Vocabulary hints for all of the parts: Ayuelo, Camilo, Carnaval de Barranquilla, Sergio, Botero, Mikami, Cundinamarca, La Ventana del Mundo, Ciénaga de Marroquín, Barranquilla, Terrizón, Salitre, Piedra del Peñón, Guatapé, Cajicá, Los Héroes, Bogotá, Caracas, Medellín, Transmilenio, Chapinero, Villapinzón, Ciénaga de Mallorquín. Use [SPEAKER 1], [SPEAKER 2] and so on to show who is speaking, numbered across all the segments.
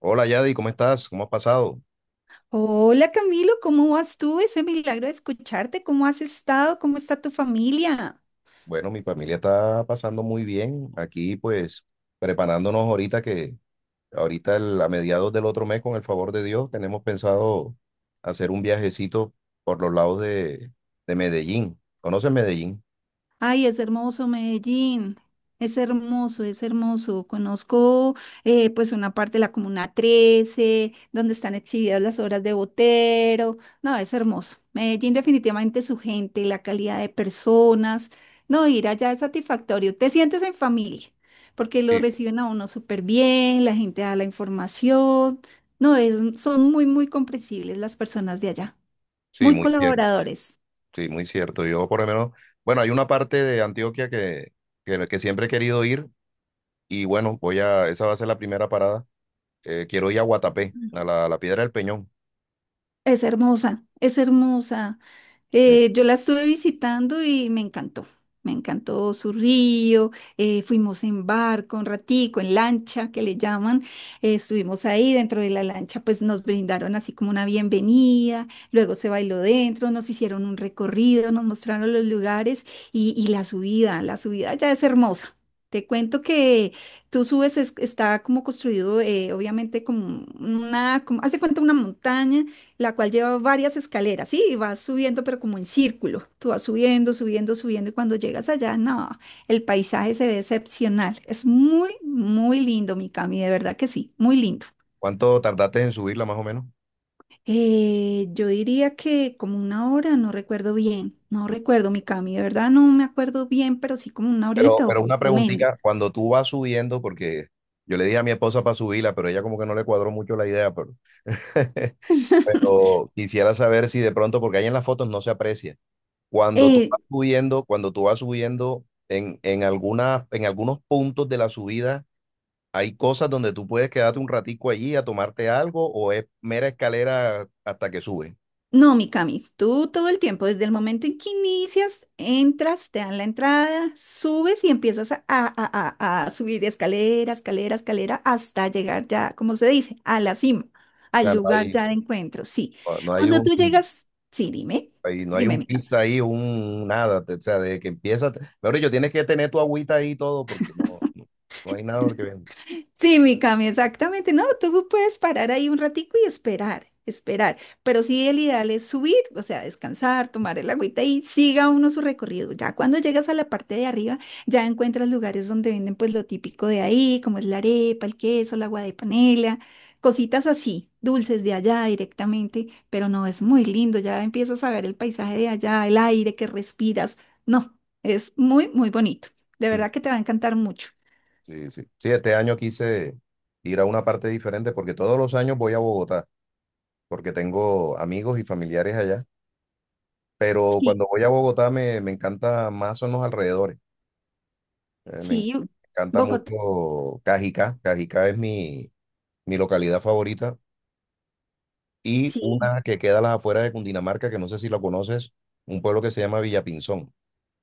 [SPEAKER 1] Hola Yadi, ¿cómo estás? ¿Cómo has pasado?
[SPEAKER 2] Hola Camilo, ¿cómo vas tú? Ese milagro de escucharte, ¿cómo has estado? ¿Cómo está tu familia?
[SPEAKER 1] Bueno, mi familia está pasando muy bien. Aquí pues preparándonos ahorita que ahorita a mediados del otro mes, con el favor de Dios, tenemos pensado hacer un viajecito por los lados de Medellín. ¿Conoces Medellín?
[SPEAKER 2] Ay, es hermoso Medellín. Es hermoso, es hermoso. Conozco pues una parte de la Comuna 13, donde están exhibidas las obras de Botero. No, es hermoso. Medellín definitivamente su gente, la calidad de personas. No, ir allá es satisfactorio. Te sientes en familia, porque lo
[SPEAKER 1] Sí,
[SPEAKER 2] reciben a uno súper bien, la gente da la información. No, es, son muy, muy comprensibles las personas de allá,
[SPEAKER 1] sí,
[SPEAKER 2] muy
[SPEAKER 1] muy cierto.
[SPEAKER 2] colaboradores.
[SPEAKER 1] Sí, muy cierto. Yo por lo menos, bueno, hay una parte de Antioquia que siempre he querido ir y bueno, esa va a ser la primera parada. Quiero ir a Guatapé, a a la Piedra del Peñón.
[SPEAKER 2] Es hermosa, es hermosa.
[SPEAKER 1] Sí.
[SPEAKER 2] Yo la estuve visitando y me encantó. Me encantó su río, fuimos en barco un ratico, en lancha que le llaman, estuvimos ahí dentro de la lancha, pues nos brindaron así como una bienvenida, luego se bailó dentro, nos hicieron un recorrido, nos mostraron los lugares y la subida ya es hermosa. Te cuento que tú subes, está como construido, obviamente como una, como, haz de cuenta una montaña la cual lleva varias escaleras, sí, y vas subiendo, pero como en círculo. Tú vas subiendo, subiendo, subiendo, y cuando llegas allá, no, el paisaje se ve excepcional. Es muy, muy lindo, mi Cami, de verdad que sí, muy lindo.
[SPEAKER 1] ¿Cuánto tardaste en subirla más o menos?
[SPEAKER 2] Yo diría que como una hora, no recuerdo bien, no recuerdo, mi Cami, de verdad no me acuerdo bien, pero sí como una
[SPEAKER 1] Pero,
[SPEAKER 2] horita
[SPEAKER 1] pero una
[SPEAKER 2] o menos.
[SPEAKER 1] preguntita, cuando tú vas subiendo, porque yo le dije a mi esposa para subirla, pero ella como que no le cuadró mucho la idea, pero, pero quisiera saber si de pronto, porque ahí en las fotos no se aprecia, cuando tú
[SPEAKER 2] Eh,
[SPEAKER 1] vas subiendo, cuando tú vas subiendo en en algunos puntos de la subida, hay cosas donde tú puedes quedarte un ratico allí a tomarte algo o es mera escalera hasta que sube.
[SPEAKER 2] No, Mikami, tú todo el tiempo, desde el momento en que inicias, entras, te dan la entrada, subes y empiezas a subir escalera, escalera, escalera, hasta llegar ya, como se dice, a la cima,
[SPEAKER 1] O
[SPEAKER 2] al
[SPEAKER 1] sea, no
[SPEAKER 2] lugar
[SPEAKER 1] hay,
[SPEAKER 2] ya de encuentro. Sí.
[SPEAKER 1] no hay
[SPEAKER 2] Cuando
[SPEAKER 1] un...
[SPEAKER 2] tú llegas, sí, dime,
[SPEAKER 1] Ahí, no hay
[SPEAKER 2] dime,
[SPEAKER 1] un
[SPEAKER 2] Mikami.
[SPEAKER 1] pizza ahí, un nada, o sea, de que empieza, te- mejor dicho, tienes que tener tu agüita ahí y todo porque no, no hay nada que venda.
[SPEAKER 2] Sí, mi Cami, exactamente. No, tú puedes parar ahí un ratico y esperar, esperar. Pero sí, el ideal es subir, o sea, descansar, tomar el agüita y siga uno su recorrido. Ya cuando llegas a la parte de arriba, ya encuentras lugares donde venden pues lo típico de ahí, como es la arepa, el queso, el agua de panela, cositas así, dulces de allá directamente. Pero no, es muy lindo. Ya empiezas a ver el paisaje de allá, el aire que respiras. No, es muy, muy bonito. De verdad que te va a encantar mucho.
[SPEAKER 1] Sí, sí. Sí, este año quise ir a una parte diferente porque todos los años voy a Bogotá, porque tengo amigos y familiares allá, pero
[SPEAKER 2] Sí.
[SPEAKER 1] cuando voy a Bogotá me encanta más son los alrededores. eh, me en-
[SPEAKER 2] Sí,
[SPEAKER 1] Encanta
[SPEAKER 2] Bogotá,
[SPEAKER 1] mucho Cajicá, Cajicá es mi localidad favorita y
[SPEAKER 2] sí,
[SPEAKER 1] una que queda a las afueras de Cundinamarca, que no sé si la conoces, un pueblo que se llama Villapinzón.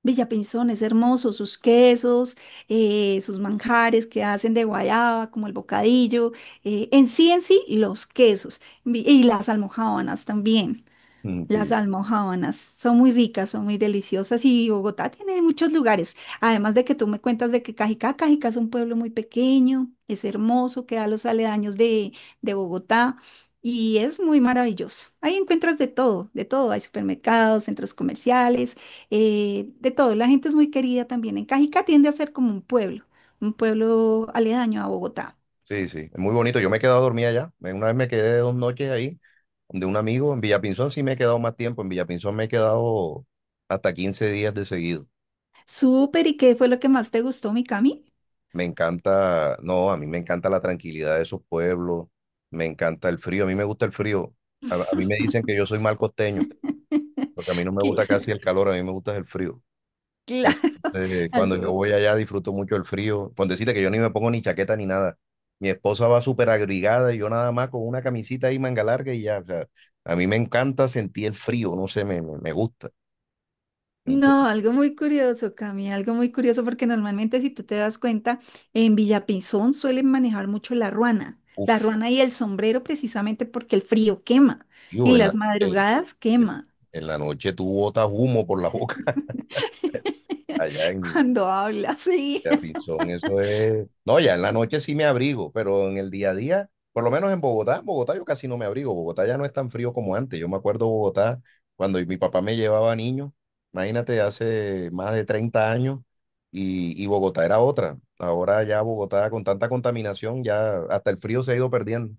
[SPEAKER 2] Villapinzón es hermoso, sus quesos, sus manjares que hacen de guayaba, como el bocadillo, en sí, los y las almojábanas también.
[SPEAKER 1] Mm,
[SPEAKER 2] Las
[SPEAKER 1] sí,
[SPEAKER 2] almojábanas son muy ricas, son muy deliciosas y Bogotá tiene muchos lugares. Además de que tú me cuentas de que Cajicá, Cajicá es un pueblo muy pequeño, es hermoso, queda a los aledaños de Bogotá y es muy maravilloso. Ahí encuentras de todo, de todo. Hay supermercados, centros comerciales, de todo. La gente es muy querida también. En Cajicá tiende a ser como un pueblo aledaño a Bogotá.
[SPEAKER 1] sí, sí, es muy bonito. Yo me he quedado dormida allá. Me- Una vez me quedé dos noches ahí, de un amigo. En Villapinzón sí me he quedado más tiempo. En Villapinzón me he quedado hasta 15 días de seguido.
[SPEAKER 2] Súper, ¿y qué fue lo que más te gustó, mi Cami?
[SPEAKER 1] Me encanta, no, a mí me encanta la tranquilidad de esos pueblos. Me encanta el frío. A mí me gusta el frío. A mí me dicen que yo soy mal costeño, porque a mí no me gusta
[SPEAKER 2] Claro.
[SPEAKER 1] casi el calor, a mí me gusta el frío.
[SPEAKER 2] Claro,
[SPEAKER 1] Entonces, cuando yo
[SPEAKER 2] algo,
[SPEAKER 1] voy allá disfruto mucho el frío. Con decirte que yo ni me pongo ni chaqueta ni nada. Mi esposa va súper abrigada y yo nada más con una camisita ahí manga larga y ya. O sea, a mí me encanta sentir el frío, no sé, me gusta.
[SPEAKER 2] no,
[SPEAKER 1] Entonces,
[SPEAKER 2] algo muy curioso, Cami, algo muy curioso, porque normalmente si tú te das cuenta, en Villapinzón suelen manejar mucho la
[SPEAKER 1] uff,
[SPEAKER 2] ruana y el sombrero precisamente porque el frío quema,
[SPEAKER 1] tío,
[SPEAKER 2] en las
[SPEAKER 1] en,
[SPEAKER 2] madrugadas quema,
[SPEAKER 1] en la noche tú botas humo por la boca. Allá en
[SPEAKER 2] cuando habla sí.
[SPEAKER 1] Terrizón, eso es. No, ya en la noche sí me abrigo, pero en el día a día, por lo menos en Bogotá yo casi no me abrigo. Bogotá ya no es tan frío como antes. Yo me acuerdo Bogotá cuando mi papá me llevaba niño, imagínate, hace más de 30 años, y Bogotá era otra. Ahora ya Bogotá con tanta contaminación, ya hasta el frío se ha ido perdiendo.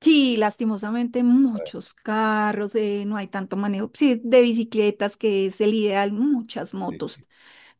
[SPEAKER 2] Sí, lastimosamente muchos carros, no hay tanto manejo, sí, de bicicletas que es el ideal, muchas
[SPEAKER 1] Sí,
[SPEAKER 2] motos.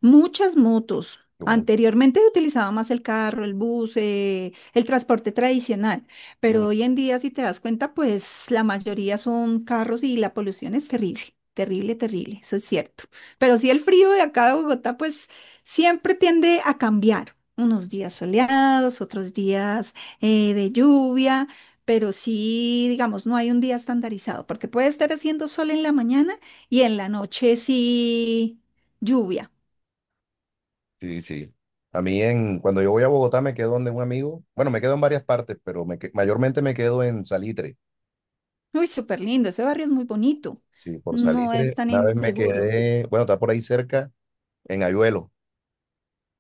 [SPEAKER 2] Muchas motos.
[SPEAKER 1] yo mucho.
[SPEAKER 2] Anteriormente se utilizaba más el carro, el bus, el transporte tradicional,
[SPEAKER 1] Mm,
[SPEAKER 2] pero hoy en día, si te das cuenta, pues la mayoría son carros y la polución es terrible, terrible, terrible, eso es cierto. Pero sí el frío de acá de Bogotá, pues siempre tiende a cambiar, unos días soleados, otros días de lluvia, pero sí, digamos, no hay un día estandarizado, porque puede estar haciendo sol en la mañana y en la noche sí lluvia.
[SPEAKER 1] sí, sí. A mí en, cuando yo voy a Bogotá me quedo donde un amigo, bueno, me quedo en varias partes, pero mayormente me quedo en Salitre.
[SPEAKER 2] Uy, súper lindo, ese barrio es muy bonito,
[SPEAKER 1] Sí, por
[SPEAKER 2] no es
[SPEAKER 1] Salitre,
[SPEAKER 2] tan
[SPEAKER 1] una vez me
[SPEAKER 2] inseguro.
[SPEAKER 1] quedé, bueno, está por ahí cerca, en Ayuelo.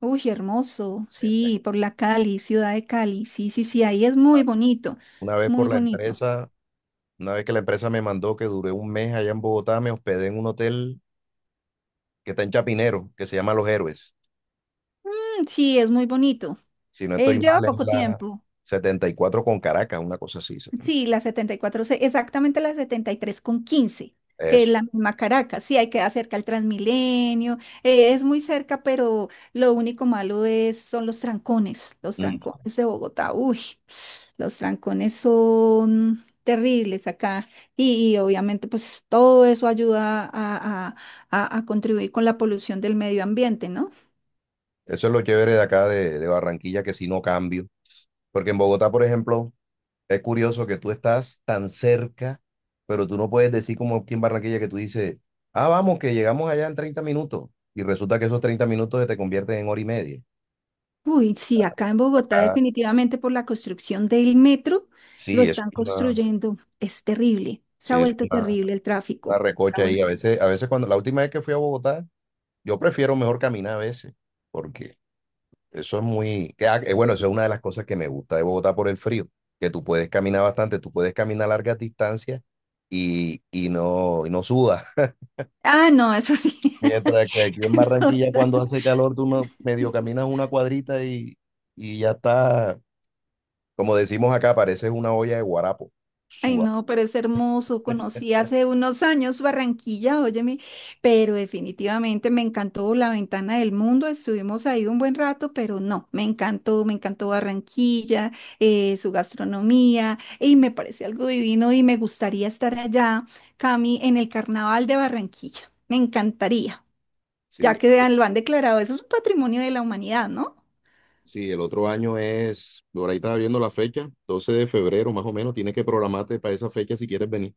[SPEAKER 2] Uy, hermoso,
[SPEAKER 1] Eh, pues,
[SPEAKER 2] sí, por la Cali, ciudad de Cali, sí, sí, sí, ahí es muy bonito,
[SPEAKER 1] Una vez por
[SPEAKER 2] muy
[SPEAKER 1] la
[SPEAKER 2] bonito.
[SPEAKER 1] empresa, una vez que la empresa me mandó que duré 1 mes allá en Bogotá, me hospedé en un hotel que está en Chapinero, que se llama Los Héroes.
[SPEAKER 2] Mm, sí, es muy bonito.
[SPEAKER 1] Si no
[SPEAKER 2] Él
[SPEAKER 1] estoy
[SPEAKER 2] lleva
[SPEAKER 1] mal, es
[SPEAKER 2] poco
[SPEAKER 1] la
[SPEAKER 2] tiempo.
[SPEAKER 1] 74 con Caracas, una cosa así. 70.
[SPEAKER 2] Sí, la 74 se- exactamente la 73 con 15, que es
[SPEAKER 1] Eso.
[SPEAKER 2] la misma Caracas. Sí, hay que cerca al Transmilenio, es muy cerca, pero lo único malo es, son los
[SPEAKER 1] Mm.
[SPEAKER 2] trancones de Bogotá. Uy, los trancones son terribles acá y obviamente pues todo eso ayuda a contribuir con la polución del medio ambiente, ¿no?
[SPEAKER 1] Eso es lo chévere de acá de Barranquilla, que si no cambio. Porque en Bogotá, por ejemplo, es curioso que tú estás tan cerca, pero tú no puedes decir como aquí en Barranquilla que tú dices, ah, vamos, que llegamos allá en 30 minutos. Y resulta que esos 30 minutos se te convierten en hora y media.
[SPEAKER 2] Uy, sí, acá en Bogotá
[SPEAKER 1] Acá,
[SPEAKER 2] definitivamente por la construcción del metro lo
[SPEAKER 1] sí, es
[SPEAKER 2] están
[SPEAKER 1] una,
[SPEAKER 2] construyendo. Es terrible, se
[SPEAKER 1] sí,
[SPEAKER 2] ha
[SPEAKER 1] es
[SPEAKER 2] vuelto terrible el
[SPEAKER 1] una
[SPEAKER 2] tráfico. Se ha
[SPEAKER 1] recocha ahí.
[SPEAKER 2] vuelto.
[SPEAKER 1] A veces cuando la última vez que fui a Bogotá, yo prefiero mejor caminar a veces, porque eso es muy, que, ah, bueno, eso es una de las cosas que me gusta de Bogotá por el frío, que tú puedes caminar bastante, tú puedes caminar largas distancias y no sudas.
[SPEAKER 2] Ah, no, eso sí.
[SPEAKER 1] Mientras que aquí en
[SPEAKER 2] No,
[SPEAKER 1] Barranquilla,
[SPEAKER 2] está-
[SPEAKER 1] cuando hace calor, tú no- medio caminas una cuadrita y ya está, como decimos acá, pareces una olla de guarapo.
[SPEAKER 2] Ay,
[SPEAKER 1] Sudado.
[SPEAKER 2] no, pero es hermoso. Conocí hace unos años Barranquilla, óyeme, pero definitivamente me encantó La Ventana del Mundo. Estuvimos ahí un buen rato, pero no, me encantó Barranquilla, su gastronomía, y me parece algo divino y me gustaría estar allá, Cami, en el Carnaval de Barranquilla. Me encantaría,
[SPEAKER 1] Sí,
[SPEAKER 2] ya que lo han declarado, eso es un patrimonio de la humanidad, ¿no?
[SPEAKER 1] sí, el otro año es, por ahí estaba viendo la fecha, 12 de febrero más o menos, tienes que programarte para esa fecha si quieres venir.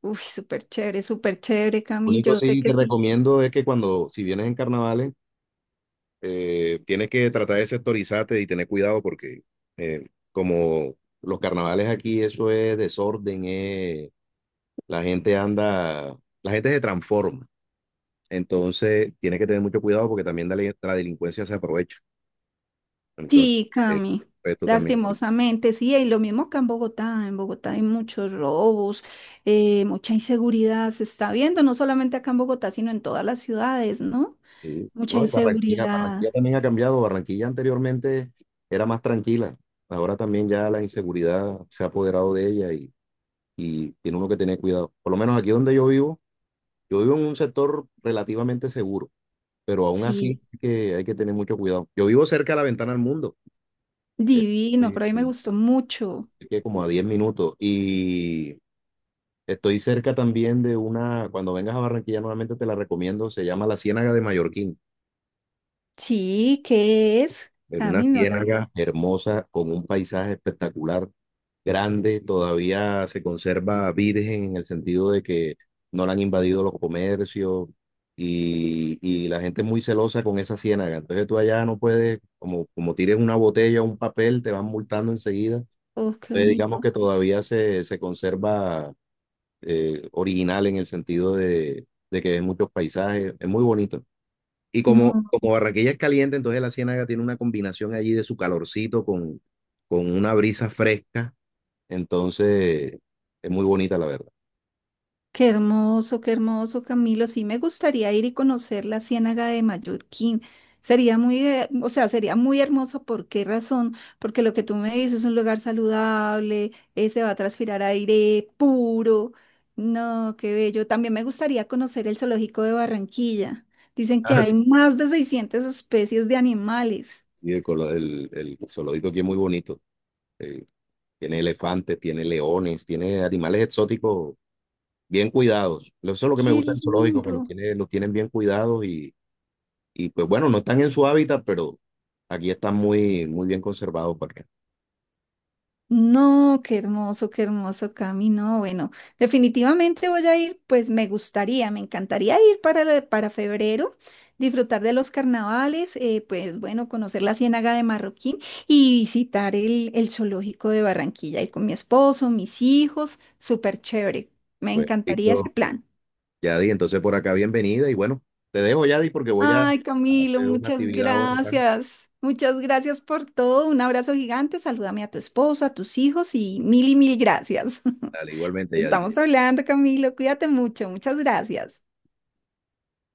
[SPEAKER 2] Uy, súper chévere,
[SPEAKER 1] Lo
[SPEAKER 2] Cami,
[SPEAKER 1] único
[SPEAKER 2] yo sé
[SPEAKER 1] sí te
[SPEAKER 2] que sí.
[SPEAKER 1] recomiendo es que cuando, si vienes en carnavales, tienes que tratar de sectorizarte y tener cuidado porque eh, como los carnavales aquí, eso es desorden, es la gente anda, la gente se transforma. Entonces, tienes que tener mucho cuidado porque también la delincuencia se aprovecha. Entonces,
[SPEAKER 2] Sí,
[SPEAKER 1] eh,
[SPEAKER 2] Cami,
[SPEAKER 1] esto también. Sí.
[SPEAKER 2] lastimosamente, sí, y lo mismo acá en Bogotá hay muchos robos, mucha inseguridad se está viendo, no solamente acá en Bogotá, sino en todas las ciudades, ¿no?
[SPEAKER 1] Sí.
[SPEAKER 2] Mucha
[SPEAKER 1] No, y Barranquilla, Barranquilla
[SPEAKER 2] inseguridad,
[SPEAKER 1] también ha cambiado. Barranquilla anteriormente era más tranquila. Ahora también ya la inseguridad se ha apoderado de ella y tiene uno que tener cuidado. Por lo menos aquí donde yo vivo en un sector relativamente seguro, pero aún así
[SPEAKER 2] sí,
[SPEAKER 1] hay que tener mucho cuidado. Yo vivo cerca de la ventana del mundo. Eh,
[SPEAKER 2] divino,
[SPEAKER 1] oye,
[SPEAKER 2] pero a mí me gustó mucho.
[SPEAKER 1] que como a 10 minutos. Y estoy cerca también de una, cuando vengas a Barranquilla nuevamente te la recomiendo, se llama la Ciénaga de Mallorquín.
[SPEAKER 2] Sí, ¿qué es?
[SPEAKER 1] Es una
[SPEAKER 2] Cami, no la vi.
[SPEAKER 1] ciénaga hermosa con un paisaje espectacular, grande, todavía se conserva virgen en el sentido de que no la han invadido los comercios y la gente es muy celosa con esa ciénaga. Entonces tú allá no puedes, como, como tires una botella o un papel, te van multando enseguida.
[SPEAKER 2] Oh, qué
[SPEAKER 1] Entonces digamos
[SPEAKER 2] bonito.
[SPEAKER 1] que todavía se conserva original en el sentido de que ves muchos paisajes, es muy bonito. Y como,
[SPEAKER 2] No.
[SPEAKER 1] como Barranquilla es caliente, entonces la Ciénaga tiene una combinación allí de su calorcito con una brisa fresca, entonces es muy bonita la verdad.
[SPEAKER 2] Qué hermoso, Camilo. Sí, me gustaría ir y conocer la Ciénaga de Mallorquín. Sería muy, o sea, sería muy hermoso. ¿Por qué razón? Porque lo que tú me dices es un lugar saludable, se va a transpirar aire puro. No, qué bello. También me gustaría conocer el zoológico de Barranquilla. Dicen que
[SPEAKER 1] Ah, sí.
[SPEAKER 2] hay más de 600 especies de animales.
[SPEAKER 1] Sí, el zoológico aquí es muy bonito. Eh, tiene elefantes, tiene leones, tiene animales exóticos bien cuidados. Eso es lo que me
[SPEAKER 2] Qué
[SPEAKER 1] gusta del zoológico, que los
[SPEAKER 2] lindo.
[SPEAKER 1] tiene, los tienen bien cuidados. Y pues bueno, no están en su hábitat, pero aquí están muy, muy bien conservados porque,
[SPEAKER 2] No, qué hermoso, Cami. No, bueno, definitivamente voy a ir, pues me gustaría, me encantaría ir para, para febrero, disfrutar de los carnavales, pues bueno, conocer la Ciénaga de Marroquín y visitar el zoológico de Barranquilla, ir con mi esposo, mis hijos, súper chévere. Me
[SPEAKER 1] pues,
[SPEAKER 2] encantaría ese
[SPEAKER 1] listo,
[SPEAKER 2] plan.
[SPEAKER 1] Yadi, entonces por acá bienvenida y bueno, te dejo Yadi porque voy
[SPEAKER 2] Ay,
[SPEAKER 1] a
[SPEAKER 2] Camilo,
[SPEAKER 1] hacer una
[SPEAKER 2] muchas
[SPEAKER 1] actividad ahora.
[SPEAKER 2] gracias. Muchas gracias por todo. Un abrazo gigante. Salúdame a tu esposo, a tus hijos y mil gracias.
[SPEAKER 1] Dale, igualmente Yadi.
[SPEAKER 2] Estamos hablando, Camilo. Cuídate mucho. Muchas gracias.